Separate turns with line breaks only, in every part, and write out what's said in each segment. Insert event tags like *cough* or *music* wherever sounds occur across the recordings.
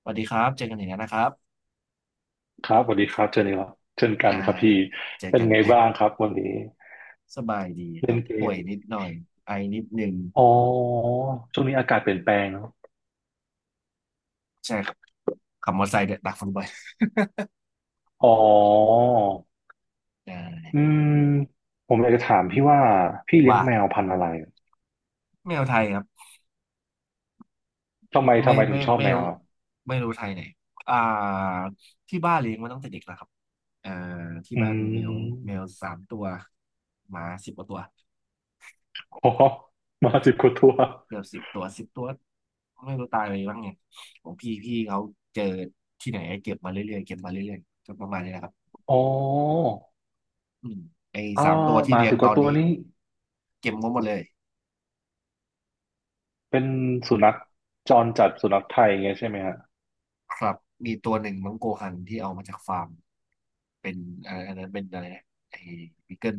สวัสดีครับเจอกันอีกแล้วนะครับ
ครับสวัสดีครับเจอนี่ครับเช่นกัน
อ่า
ครับพี่
เจอ
เป็น
กัน
ไงบ้างครับวันนี้
*laughs* สบายดีค
เล่
รั
น
บ
เก
ป่ว
ม
ยนิดหน่อยไอนิดนึง
อ๋อช่วงนี้อากาศเปลี่ยนแปลงเนอะ
ใช่ครับขับมอเตอร์ไซค์เนี่ยดักฝุ่นบ่อย
อ๋อ
อ่า
อืมผมอยากจะถามพี่ว่าพี่เลี้ยง
ว่า
แมวพันธุ์อะไร
แมวไทยครับ
ทำไมทำ
ไม่
ไมถึ
ไม่
งชอบ
ไม่
แมว
รู้
อะ
ไม่รู้ไทยไหนอ่าที่บ้านเลี้ยงมาตั้งแต่เด็กแล้วครับอ่าที่
อื
บ้านมีแมว
ม
สามตัวหมาสิบกว่าตัว
อ๋อมาสิบกว่าตัว
เกือบ 10 ตัว 10 ตัวไม่รู้ตายไปบ้างไงของพี่เขาเจอที่ไหนเก็บมาเรื่อยๆเก็บมาเรื่อยๆก็ประมาณนี้นะครับ
อ๋อ
อืมไอ้
อ่า
สามตัว
ห
ที่
มา
เลี้ยง
สิบก
ตอ
ว่า
น
ตัว
นี้
นี้
เก็บงบหมดเลย
เป็นสุนัขจรจัดสุนัขไทยอย่างเงี้ยใช่ไหมฮะ
ครับมีตัวหนึ่งมังโกฮันที่เอามาจากฟาร์มเป็นอะอันนั้นเป็นอะไรนะไอ้บีเกิล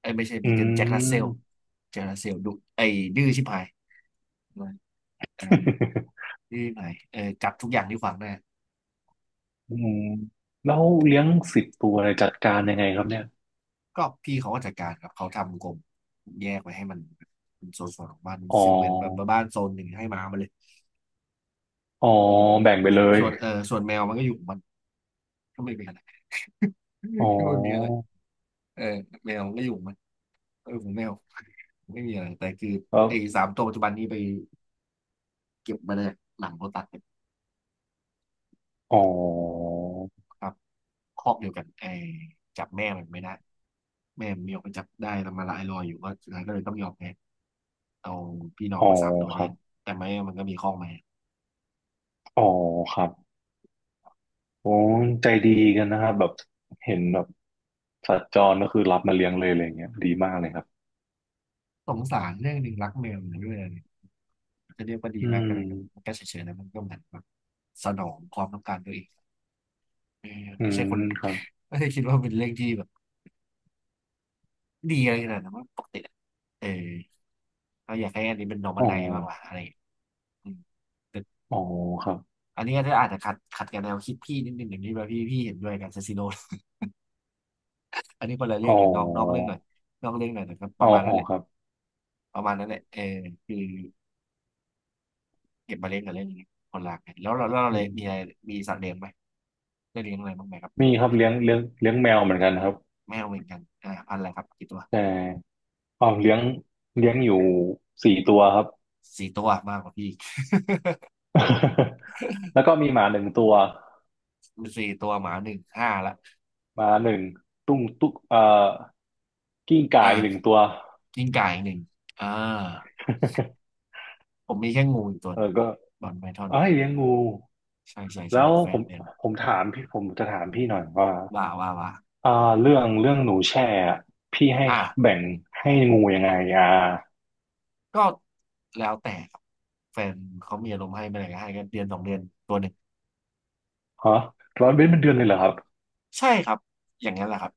ไอ้ยไม่ใช่
อื
บีเกิลแจ็ครัสเซล
ม
แจ็ครัสเซลดุไอ้ดื้อชิบหายอ่า
*laughs*
ดื้อชิบหายเออจับทุกอย่างที่ขวางหน้า
อืมแล้วเลี้ยง10 ตัวเลยจัดการยังไงครับเนี่ย
ก็พี่เขาก็จัดการครับเขาทำกรงแยกไว้ให้มันเป็นโซนสวนของบ้าน
อ๋อ
ซึ่งเหมือนแบบบ้านโซนหนึ่งให้หมามาเลย
อ๋อ
อืม
แบ่งไปเลย
ส่วนส่วนแมวมันก็อยู่ของมันก็ไม่มีอะไร *laughs*
อ๋อ
ก็ไม่มีอะไรเออแมวมันก็อยู่ของมันเออผแมว ไม่มีอะไรแต่คือ
แล้ว
ไอ้สามตัวปัจจุบันนี้ไปเก็บมาเลยหลังโลตัสเนี่ย
อ๋อ
ครับคอกเดียวกันไอ้จับแม่มันไม่ได้แม่มันมีออกไปจับได้แต่มาละไอ้ลอยอยู่ก็สุดท้ายก็เลยต้องยอมแพ้เอาพี่น้อง
อ๋อ
มาสามตัว
ค
แท
รับ
นแต่แม่มันก็มีคอกมา
อ๋อครับโอ้ใจดีกันนะครับแบบเห็นแบบสัตว์จรก็คือรับมาเลี้ยงเลยอะไรเงี้ยดีมากเลยครับ
สงสารเรื่องหนึ่งรักแมวอยู่ด้วยเลยจะเรียกว่าดี
อื
มาก
ม
อะไรก็มันก็เฉยๆนะมันก็เหมือนแบบสนองความต้องการตัวเองเออ
อื
ไม่
ม
ใช่คน
ครับ
*laughs* ไม่ได้คิดว่าเป็นเรื่องที่แบบดีอะไรขนาดนั้นว่าปกติอะเออเราอยากให้อันนี้เป็นน o r m
อ๋อ
a ั i z e มากกว่าอะไรอย่างเงี้ยอืม
อ๋อครับ
อันนี้ก็อาจจะขัดกับแนวคิดพี่นิดนึงอย่างนี้แบบพี่เห็นด้วยกันคาซิโน *laughs* อันนี้คนละเรื่
อ๋
อ
อ
งกันนอกเรื่องหน่อยนอกเรื่องหน่อยแต่ก็ป
อ๋อ
ระมาณ
อ๋
นั้น
อ
แหละ
ครับ
ประมาณนั้นแหละเออคือเก็บมาเล่นกับเล่นอย่างเงี้ยคนละกันแล้วเรา
อื
เล
ม
ยมีอะไรมีสัตว์เลี้ยงไหมได้เลี้ยงอะไรบ้างไหมครับ
มีครับเลี้ยงแมวเหมือนกันครับ
แมวเหมือนกันพันธุ์อะไรครับกี่ตัว
ใช่ อ๋อเลี้ยงอยู่4 ตัวครับ
สี่ตัวมากกว่าพี่
*laughs* แล้วก็มีหมาหนึ่งตัว
มีสี่ตัวหมาหนึ่งห้าละ
หมาหนึ่งตุ้งตุ๊กกิ้งก่าอีกหนึ่ง
อ่า
ตัว
กิ้งก่าอีกหนึ่งอ่า
*laughs*
ผมมีแค่งูอีกตัว
เอ
หนึ่ง
อก็
บอลไพทอน
เอ้ยเลี้ยงงู
ใช่ใช่ใช่
แล้ว
แฟ
ผ
น
ม
เลี้ยง
ผมถามพี่ผมจะถามพี่หน่อยว่า
ว่า
อ่าเรื่องหนูแช่อะพี่ให้
อ่า
แบ่งให้งูยังไงอ่า
ก็แล้วแต่ครับแฟนเขามีอารมณ์ให้เมื่อไหร่ก็ให้ก็เดือน2 เดือนตัวหนึ่ง
ฮะร้อยเว้นเป็นเดือนเลยเหรอครับ
ใช่ครับอย่างนั้นแหละครับ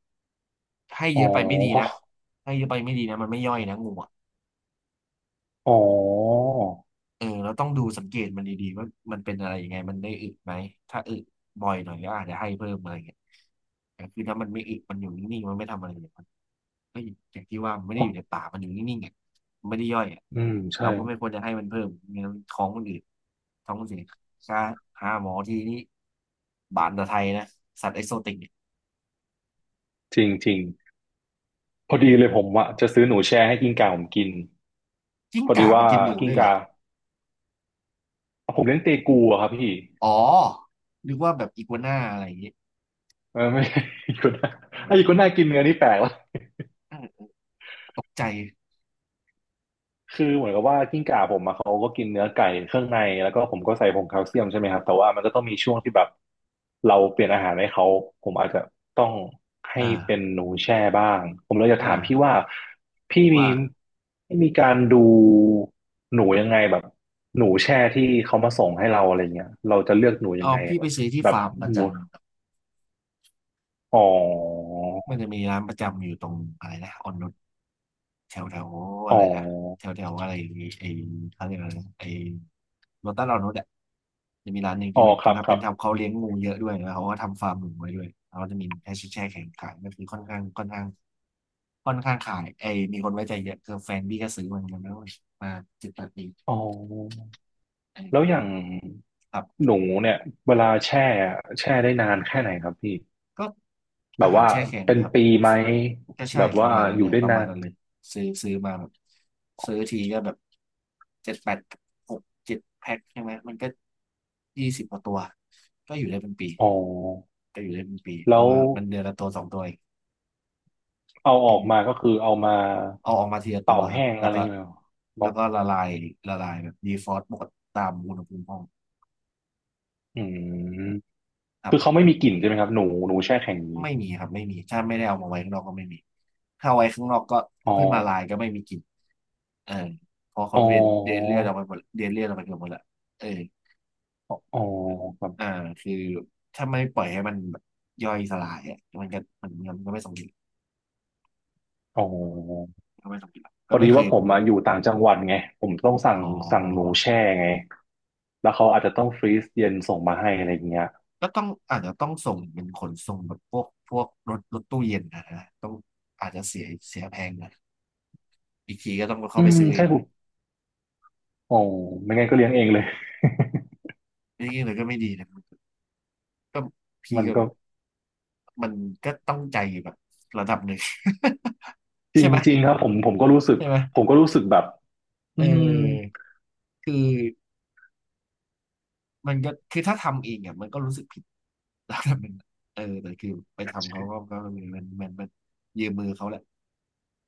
ให้
อ๋
เย
อ
อะไปไม่ดี
เพราะ
นะให้เยอะไปไม่ดีนะมันไม่ย่อยนะงูอะ
อ๋อ
เออเราต้องดูสังเกตมันดีๆว่ามันเป็นอะไรยังไงมันได้อึไหมถ้าอึบ่อยหน่อยก็อาจจะให้เพิ่มอะไรเงี้ยแต่คือถ้ามันไม่อึมันอยู่นิ่งๆมันไม่ทำอะไรเลยมันก็อย่างที่ว่ามันไม่
เพ
ได้อ
ราะ
ยู่ในป่ามันอยู่นิ่งๆอ่ะมันไม่ได้ย่อยอ่ะ
อืมใช่
เราก็ไม่ควรจะให้มันเพิ่มไม่งั้นท้องมันอืดท้องมันเสียค่าหาหมอทีนี้บานตะไทยนะสัตว์เอ็กโซติกเนี่ย
จริงจริง พอดีเลยผมอะจะซื้อหนูแช่ให้กิ้งก่าผมกิน
กิ้ง
พอดี
ก่าไป
ว่า
กินหนู
กิ้
ด้
ง
วยเหร
ก่า
อ
ผมเลี้ยงเตกูอะครับพี่
อ๋อนึกว่าแบบอีกัวน่าอะไรอย่างเงี้ย
เออไม่ *laughs* ใช่อีกัวน่าไอ้อีกัวน่ากินเนื้อนี่แปลกวะ
เออตกใจ
คือเหมือนกับว่ากิ้งก่าผมอะเขาก็กินเนื้อไก่เครื่องในแล้วก็ผมก็ใส่ผงแคลเซียมใช่ไหมครับแต่ว่ามันก็ต้องมีช่วงที่แบบเราเปลี่ยนอาหารให้เขาผมอาจจะต้องให้เป็น
อ่า
หนูแช่บ้างผมเลยจะ
อ่า
ถามพี่ว่าพี่มี
ว่า
พี่มีการดูหนูยังไงแบบหนูแช่ที่เขามาส่งให้เราอะไรเงี้ยเราจะเลือกหนูยั
อ๋
ง
อ
ไง
พี่
แบ
ไป
บ
ซื้อที่
แบบ
ฟาร์มประ
หมู
จำครับ
อ๋อ
มันจะมีร้านประจำอยู่ตรงอะไรนะออนนุชแถวแถว
อ๋อ
อะไรนะแถวแถวอะไรไอ้เขาเรียกอะไรนะไอ้โลตัสออนนุชอ่ะจะมีร้านหนึ่ง
อ๋อ
ที่เป็น
ครั
เขา
บค
ทำเป็
รั
น
บ
ทำเขาเลี้ยงงูเยอะด้วยแล้วเขาก็ทำฟาร์มหนูไว้ด้วยแล้วก็จะมีแค่แช่แข็งขายก็คือค่อนข้างขายไอ้มีคนไว้ใจเยอะคือแฟนพี่ก็ซื้อเหมือนกันแล้วมาจิตตปี
อ๋อ แล้ว
เออ
อย่าง
ครับ
หนูเนี่ยเวลาแช่อะแช่ได้นานแค่ไหนครับพี่
ก็
แบ
อา
บ
หาร
ว่า
แช่แข็ง
เป็น
นะครับ
ปีไหม
ก็ใช่
แบบ
ป
ว่า
ระมาณนั้
อ
นเล
ยู่
ย
ได้
ประ
นา
มาณ
น
นั้นเลยซื้อมาแบบซื้อทีก็แบบเจ็ดแปดหกเจ็ดแพ็คใช่ไหมมันก็20 กว่าตัวก็อยู่ได้เป็นปี
อ๋อ
ก็อยู่ได้เป็นปีเพ
แล้
ราะ
ว
ว่ามันเดือนละตัวสองตัวเอง
เอาอ
อื
อกมาก็
ม
คือเอามา
เอาออกมาทีละตั
เป่า
วครับ
แห้ง
แล้ว
อะไร
ก็
อย่างเงี้ยบอก
ละลายแบบดีฟรอสต์หมดตามอุณหภูมิห้อง
อืม
ครั
คื
บ
อเขาไม่มีกลิ่นใช่ไหมครับหนูแช่แข็งอย่างนี้
ไม่มีครับไม่มีถ้าไม่ได้เอามาไว้ข้างนอกก็ไม่มีถ้าเอาไว้ข้างนอกก็
อ๋อ
เพิ่งละลายก็ไม่มีกลิ่นเออเพอเขา
อ๋อ
เดนเลือดออกไปหมดเดนเลือดออกไปเกือบหมดละเออ
อ๋อครั
อ่า
บ
คือถ้าไม่ปล่อยให้มันแบบย่อยสลายอ่ะมันก็มันก็ไม่สมบูร
อ๋อ
ก็ไม่สมบู
พ
ก็
อ
ไม่
ดี
เคย
ว่าผ
อ
ม
ม
มาอยู่ต่างจังหวัดไงผมต้องสั่
อ๋
งสั่งหนู
อ
แช่ไงแล้วเขาอาจจะต้องฟรีซเย็นส่งมาให้อะไรอย่างเงี้ย
ก็ต้องอาจจะต้องส่งเป็นขนส่งแบบพวกรถตู้เย็นนะต้องอาจจะเสียแพงหนะอยอีกทีก็ต้องเข้า
อื
ไป
ม
ซื้อเอ
ใช่
ง
ผมโอ้ไม่งั้นก็เลี้ยงเองเลย
นี่เลยก็ไม่ดีนะก็
*laughs*
พี่
มัน
ก็
ก็
มันก็ต้องใจแบบระดับหนึ่ง *laughs*
จ
ใช่ไหม
ริงๆครับผมก็รู้สึก
ใช่ไหม
ผมก็รู้สึกแบบอื
เ
ม
ออคือมันก็คือถ้าทำเองอ่ะมันก็รู้สึกผิด *laughs* ระดับหนึ่งอะเออแต่คือไปทำเขาก็ก็มันยืมมือเขาแหละ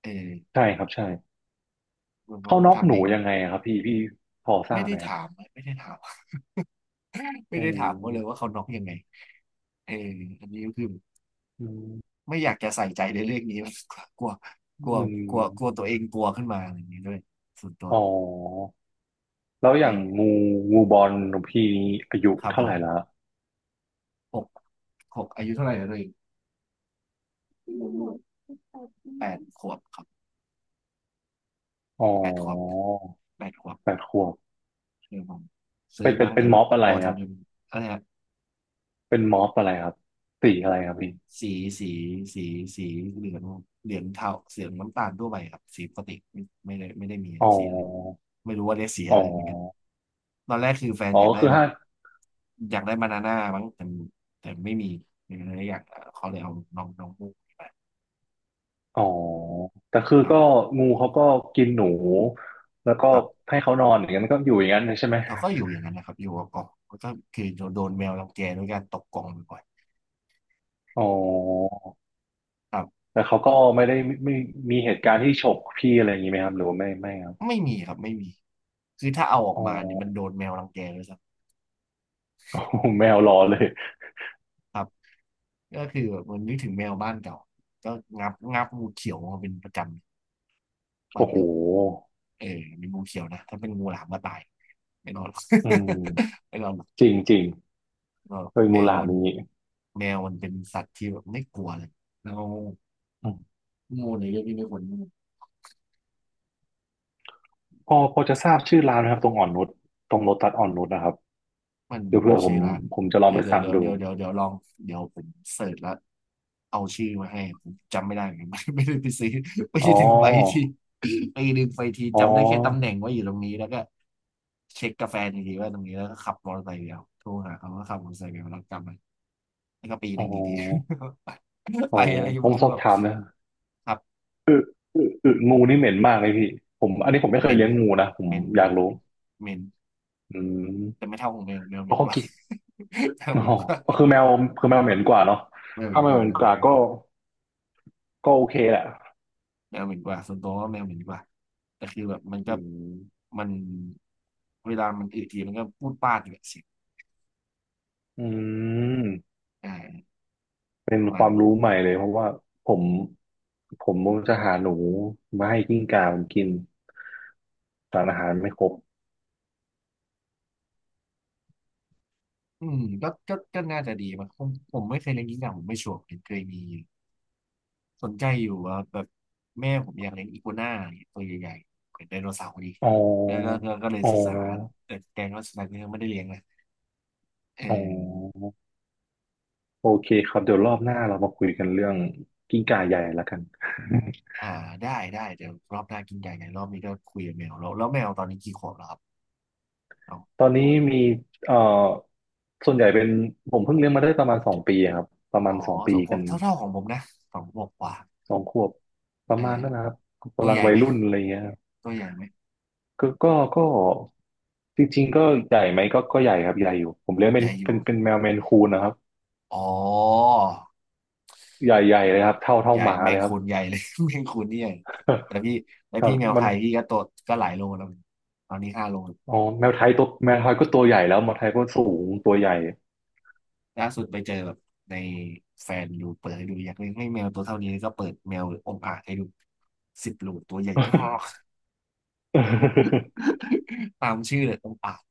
เออ
ใช่ครับใช่
มันพอ
เขา
เขา
น็อกห
ทำเอ
นู
ง
ยังไงอะครับพี่พอทรา
ไม่
บ
ได้
ไหมฮะ
ถามไม่ได้ถาม *laughs* ไม่
อื
ได้ถามเขาเลยว่า
ม
เขาน็อกยังไงเอออันนี้ก็คือ
อืม
ไม่อยากจะใส่ใจในเรื่องนี้มากก *laughs* ลัว
อื
กลัวกลัวกลัว
ม
ตัวเองกลัวขึ้นมาอะไรอย่างนี้ด้วยส่วนตัว
อ๋อแล้วอ
เอ
ย่าง
อ
งูบอลหนูพี่อายุ
ครับ
เท่า
ผ
ไห
ม
ร่ละ
หกหกอายุเท่าไหร่แล้วตัวเอง แปดขวบครับ
อ๋อ
แปดขวบแปดขวบ
8 ขวบ
คือผมซื้อ
เป็นเป็
มั้
น
ง
เป็
แต่
น
แบ
ม็
บ
อบอะไร
ตัว
ค
เท่า
รับ
นี้อะไรฮะ
เป็นม็อบอะไรครับสีอะไรครับพี่
สีสีสีสีเหลืองเหลืองเทาเสียงน้ำตาลทั่วไปครับสีปกติไม่ได้มี
อ๋
สีอะไร
อ
ไม่รู้ว่าเรียกสี
อ๋
อะ
อ
ไรอย่างเงี้ยตอนแรกคือแฟน
อ๋อ
อยาก
ก็
ได้
คือ
แบ
ห้า
บอยากได้บานาน่ามั้งแต่ไม่มีเลยอยากเขาเลยเอาน้องน้องมูก
อ๋อแต่คือ
ครั
ก็
บ
งูเขาก็กินหนูแล้วก็
ครับ
ให้เขานอนอย่างนั้นมันก็อยู่อย่างนั้นเลยใช่ไหม
แล้วก็อยู่อย่างนั้นนะครับอยู่กับกล่องแล้วก็คือโดนแมวรังแกด้วยการตกกล่องบ่อย
อ๋อ
ๆครับ
แต่เขาก็ไม่ได้ไม่มีเหตุการณ์ที่ฉกพี่อะไรอย่างนี้ไหมครับหรือว่าไม่ไม่ครับ
ไม่มีครับไม่มีคือถ้าเอาออก
อ๋อ
มาเนี่ยมันโดนแมวรังแกเลยครับ
*laughs* แมวรอเลย
ครับก็คือแบบมันนึกถึงแมวบ้านเก่าก็งับงูเขียวมาเป็นประจำบ้า
โอ้
น
โห
เก่าเออเป็นงูเขียวนะถ้าเป็นงูหลามก็ตายไม่นอนหรอก
อืม
*laughs* ไม่นอนหรอก
จริงจริง
ไม่นอนหรอก
เคย
แม
งูห
ว
ลาม
มัน
นี้
แมวมันเป็นสัตว์ที่แบบไม่กลัวเลยแล้ว
อืม
งูเนี่ยเยอะที่ไม่ควร
พอจะทราบชื่อร้านไหมครับตรงอ่อนนุชตรงโลตัสอ่อนนุชนะครับ
มัน
เดี๋ยวเพื่อผ
ชื่
ม
อร้าน
จะลอง
เดี๋ย
ไป
วเดี๋ยว
สั่ง
เดี๋ยว
ดู
เดี๋ยวเดี๋ยวเดี๋ยวลองเดี๋ยวผมเสิร์ชแล้วเอาชื่อมาให้ผมจำไม่ได้เหมือนกัน *laughs* ไม่ได้ไปซื้อไป
อ๋อ
ดึงไปที่ไปดึงไปที
อ๋อ
จำได้แค่ตำแหน่งว่าอยู่ตรงนี้แล้วก็เช็คกาแฟนอีกทีว่าตรงนี้แล้วก็ขับมอเตอร์ไซค์ไปเดียวโทรหาเขาว่าขับมอเตอร์ไซค์ไปเอาแล้วกลับมาแล้วก็ปีห
อ๋อ
นึ่งอีกที *laughs*
โอ้
ไปอะไรก็
ผ
ง
ม
งคื
ส
อ
อบ
แบบ
ถามนะ
ครับ
อึงูนี่เหม็นมากเลยพี่ผมอันนี้ผมไม่
เห
เคย
ม็น
เลี้ยงงูนะผ
เห
ม
ม็นเห
อ
ม็
ยา
น
ก
เห
รู้
ม็นเหม็น
อื
แต่
ม
ไม่เท่าของแมวแมวเห
เพ
ม็
ราะ
นก
เขา
ว่า
กิน
*laughs* แมว
อ๋
เห
อ
ม็นกว่า
ก็คือแมวคือแมวเหม็นกว่าเนาะ
แมวเหม็
ถ้า
น
แม
ก
ว
ว่า
เหม็
แม
น
วเห
ก
ม็น
ว่า
กว่า
ก็ ก็โอเคแหละ
แมวเหม็นกว่าส่วนตัวว่าแมวเหม็นกว่าแต่คือแบบมันก็
อืม
มันเวลามันอึทีมันก็พูดปาดอยู่แบบเสียง
อืม
อ่า
เป็
ป
น
ระ
ค
มาณ
วาม
นี้
รู้ใหม่เลยเพราะว่าผมผมจะหาหนูมาให้กิ้งก่าผมกินสารอาหารไม่ครบ
อืมก็น่าจะดีมั้งผมไม่เคยเลี้ยงกิ้งก่าผมไม่ชัวร์ผมเคยมีสนใจอยู่ว่าแบบแม่ผมอยากเลี้ยงอีกัวน่าเนี่ยตัวใหญ่ๆเป็นไดโนเสาร์ดี
อ๋อ
แล้วก็เลย
อ๋อ
ศึกษาแล้วแต่ก็สุดท้ายก็ยังไม่ได้เลี้ยงนะเอ
อ๋อ
อ
โอเคครับเดี๋ยวรอบหน้าเรามาคุยกันเรื่องกิ้งก่าใหญ่ละกัน
อ่าได้ได้เดี๋ยวรอบหน้ากินใหญ่ไงรอบนี้ก็คุยกับแมวแล้วแล้วแมวตอนนี้กี่ขวบแล้วครับ
*laughs*
เอา
ตอนนี้มีเอ่อส่วนใหญ่เป็นผมเพิ่งเลี้ยงมาได้ประมาณสองปีครับประ
อ๋
มา
อ
ณสอง
ส
ปี
องข
กั
วบ
น
เท่าๆของผมนะสองขวบกว่า
2 ขวบประ
อ่า
มาณ
ฮะ
นั้นนะครับ
ตัว
กำลั
ให
ง
ญ่
วัย
ไหม
รุ่นอะไรเงี้ยครับ
ตัวใหญ่ไหม
ก็ก็ก็จริงๆก็ใหญ่ไหมก็ใหญ่ครับใหญ่อยู่ผมเลี้ยง
ให
เป็น
ญ่อ
เป็
ยู่
นเป็นแมวเมนคูนนะครับ
อ๋อ
ใหญ่ใหญ่
อืม
เลยครับเท่า
ใหญ่
หมา
แม
เล
ง
ยครั
คู
บ
นใหญ่เลย *laughs* แมงคูนนี่ใหญ่แต่พี่แต่
*laughs* ครั
พี่
บ
แมว
มั
ไท
น
ยพี่ก็ตัวก็หลายโลแล้วตอนนี้5 โล
อ๋อแมวไทยตัวแมวไทยก็ตัวใหญ่แล้วแมวไทยก็สูงตัวใหญ่
ล่าสุดไปเจอแบบในแฟนดูเปิดให้ดูอยากเลี้ยงให้แมวตัวเท่านี้ก็เปิดแมวองอ่าจให้ดู10 โลตัวใหญ่มาก
*laughs*
*laughs* ตามชื่อเลยองอ่าง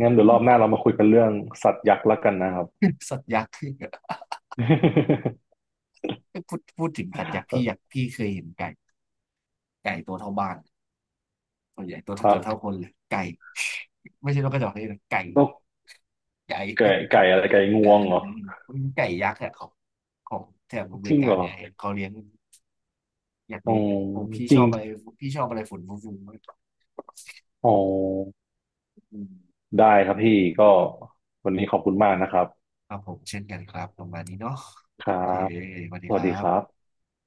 งั้นเดี๋ยวรอบหน้าเรามาคุยกันเรื่องสัตว์ยักษ์แล้วกันนะครับ
*laughs* สัตว์ยักษ์ *laughs* คือพูดถึงสัตว์ยักษ์พี่อยาก
*laughs*
พี่เคยเห็นไก่ไก่ตัวเท่าบ้าน ตัวใหญ่ตัวเกื
ฮะ
อบเท่าคนเลยไก่ *laughs* ไม่ใช่นกกระจอกนี่นะไก่
นก
ไก่
ไก่อะไรไก่งวงเหรอ
*laughs* มันไก่ยักษ์อะของแถบอเม
จ
ริ
ริง
กา
เหรอ
เนี่ยเห็นเขาเลี้ยงอยาก
อ๋อ
เลี้ยงเลยผมพี่
จ
ช
ริ
อ
ง
บอะไรพี่ชอบอะไรฝุ่นฟุ้งๆ
อ๋อ ได้ครับพี่ ก็วันนี้ขอบคุณมากนะครับ
ครับผมเช่นกันครับประมาณนี้เนาะ
ครั
โอเค
บ
สวัสดี
ส
ค
วัส
รั
ดีครับ
บ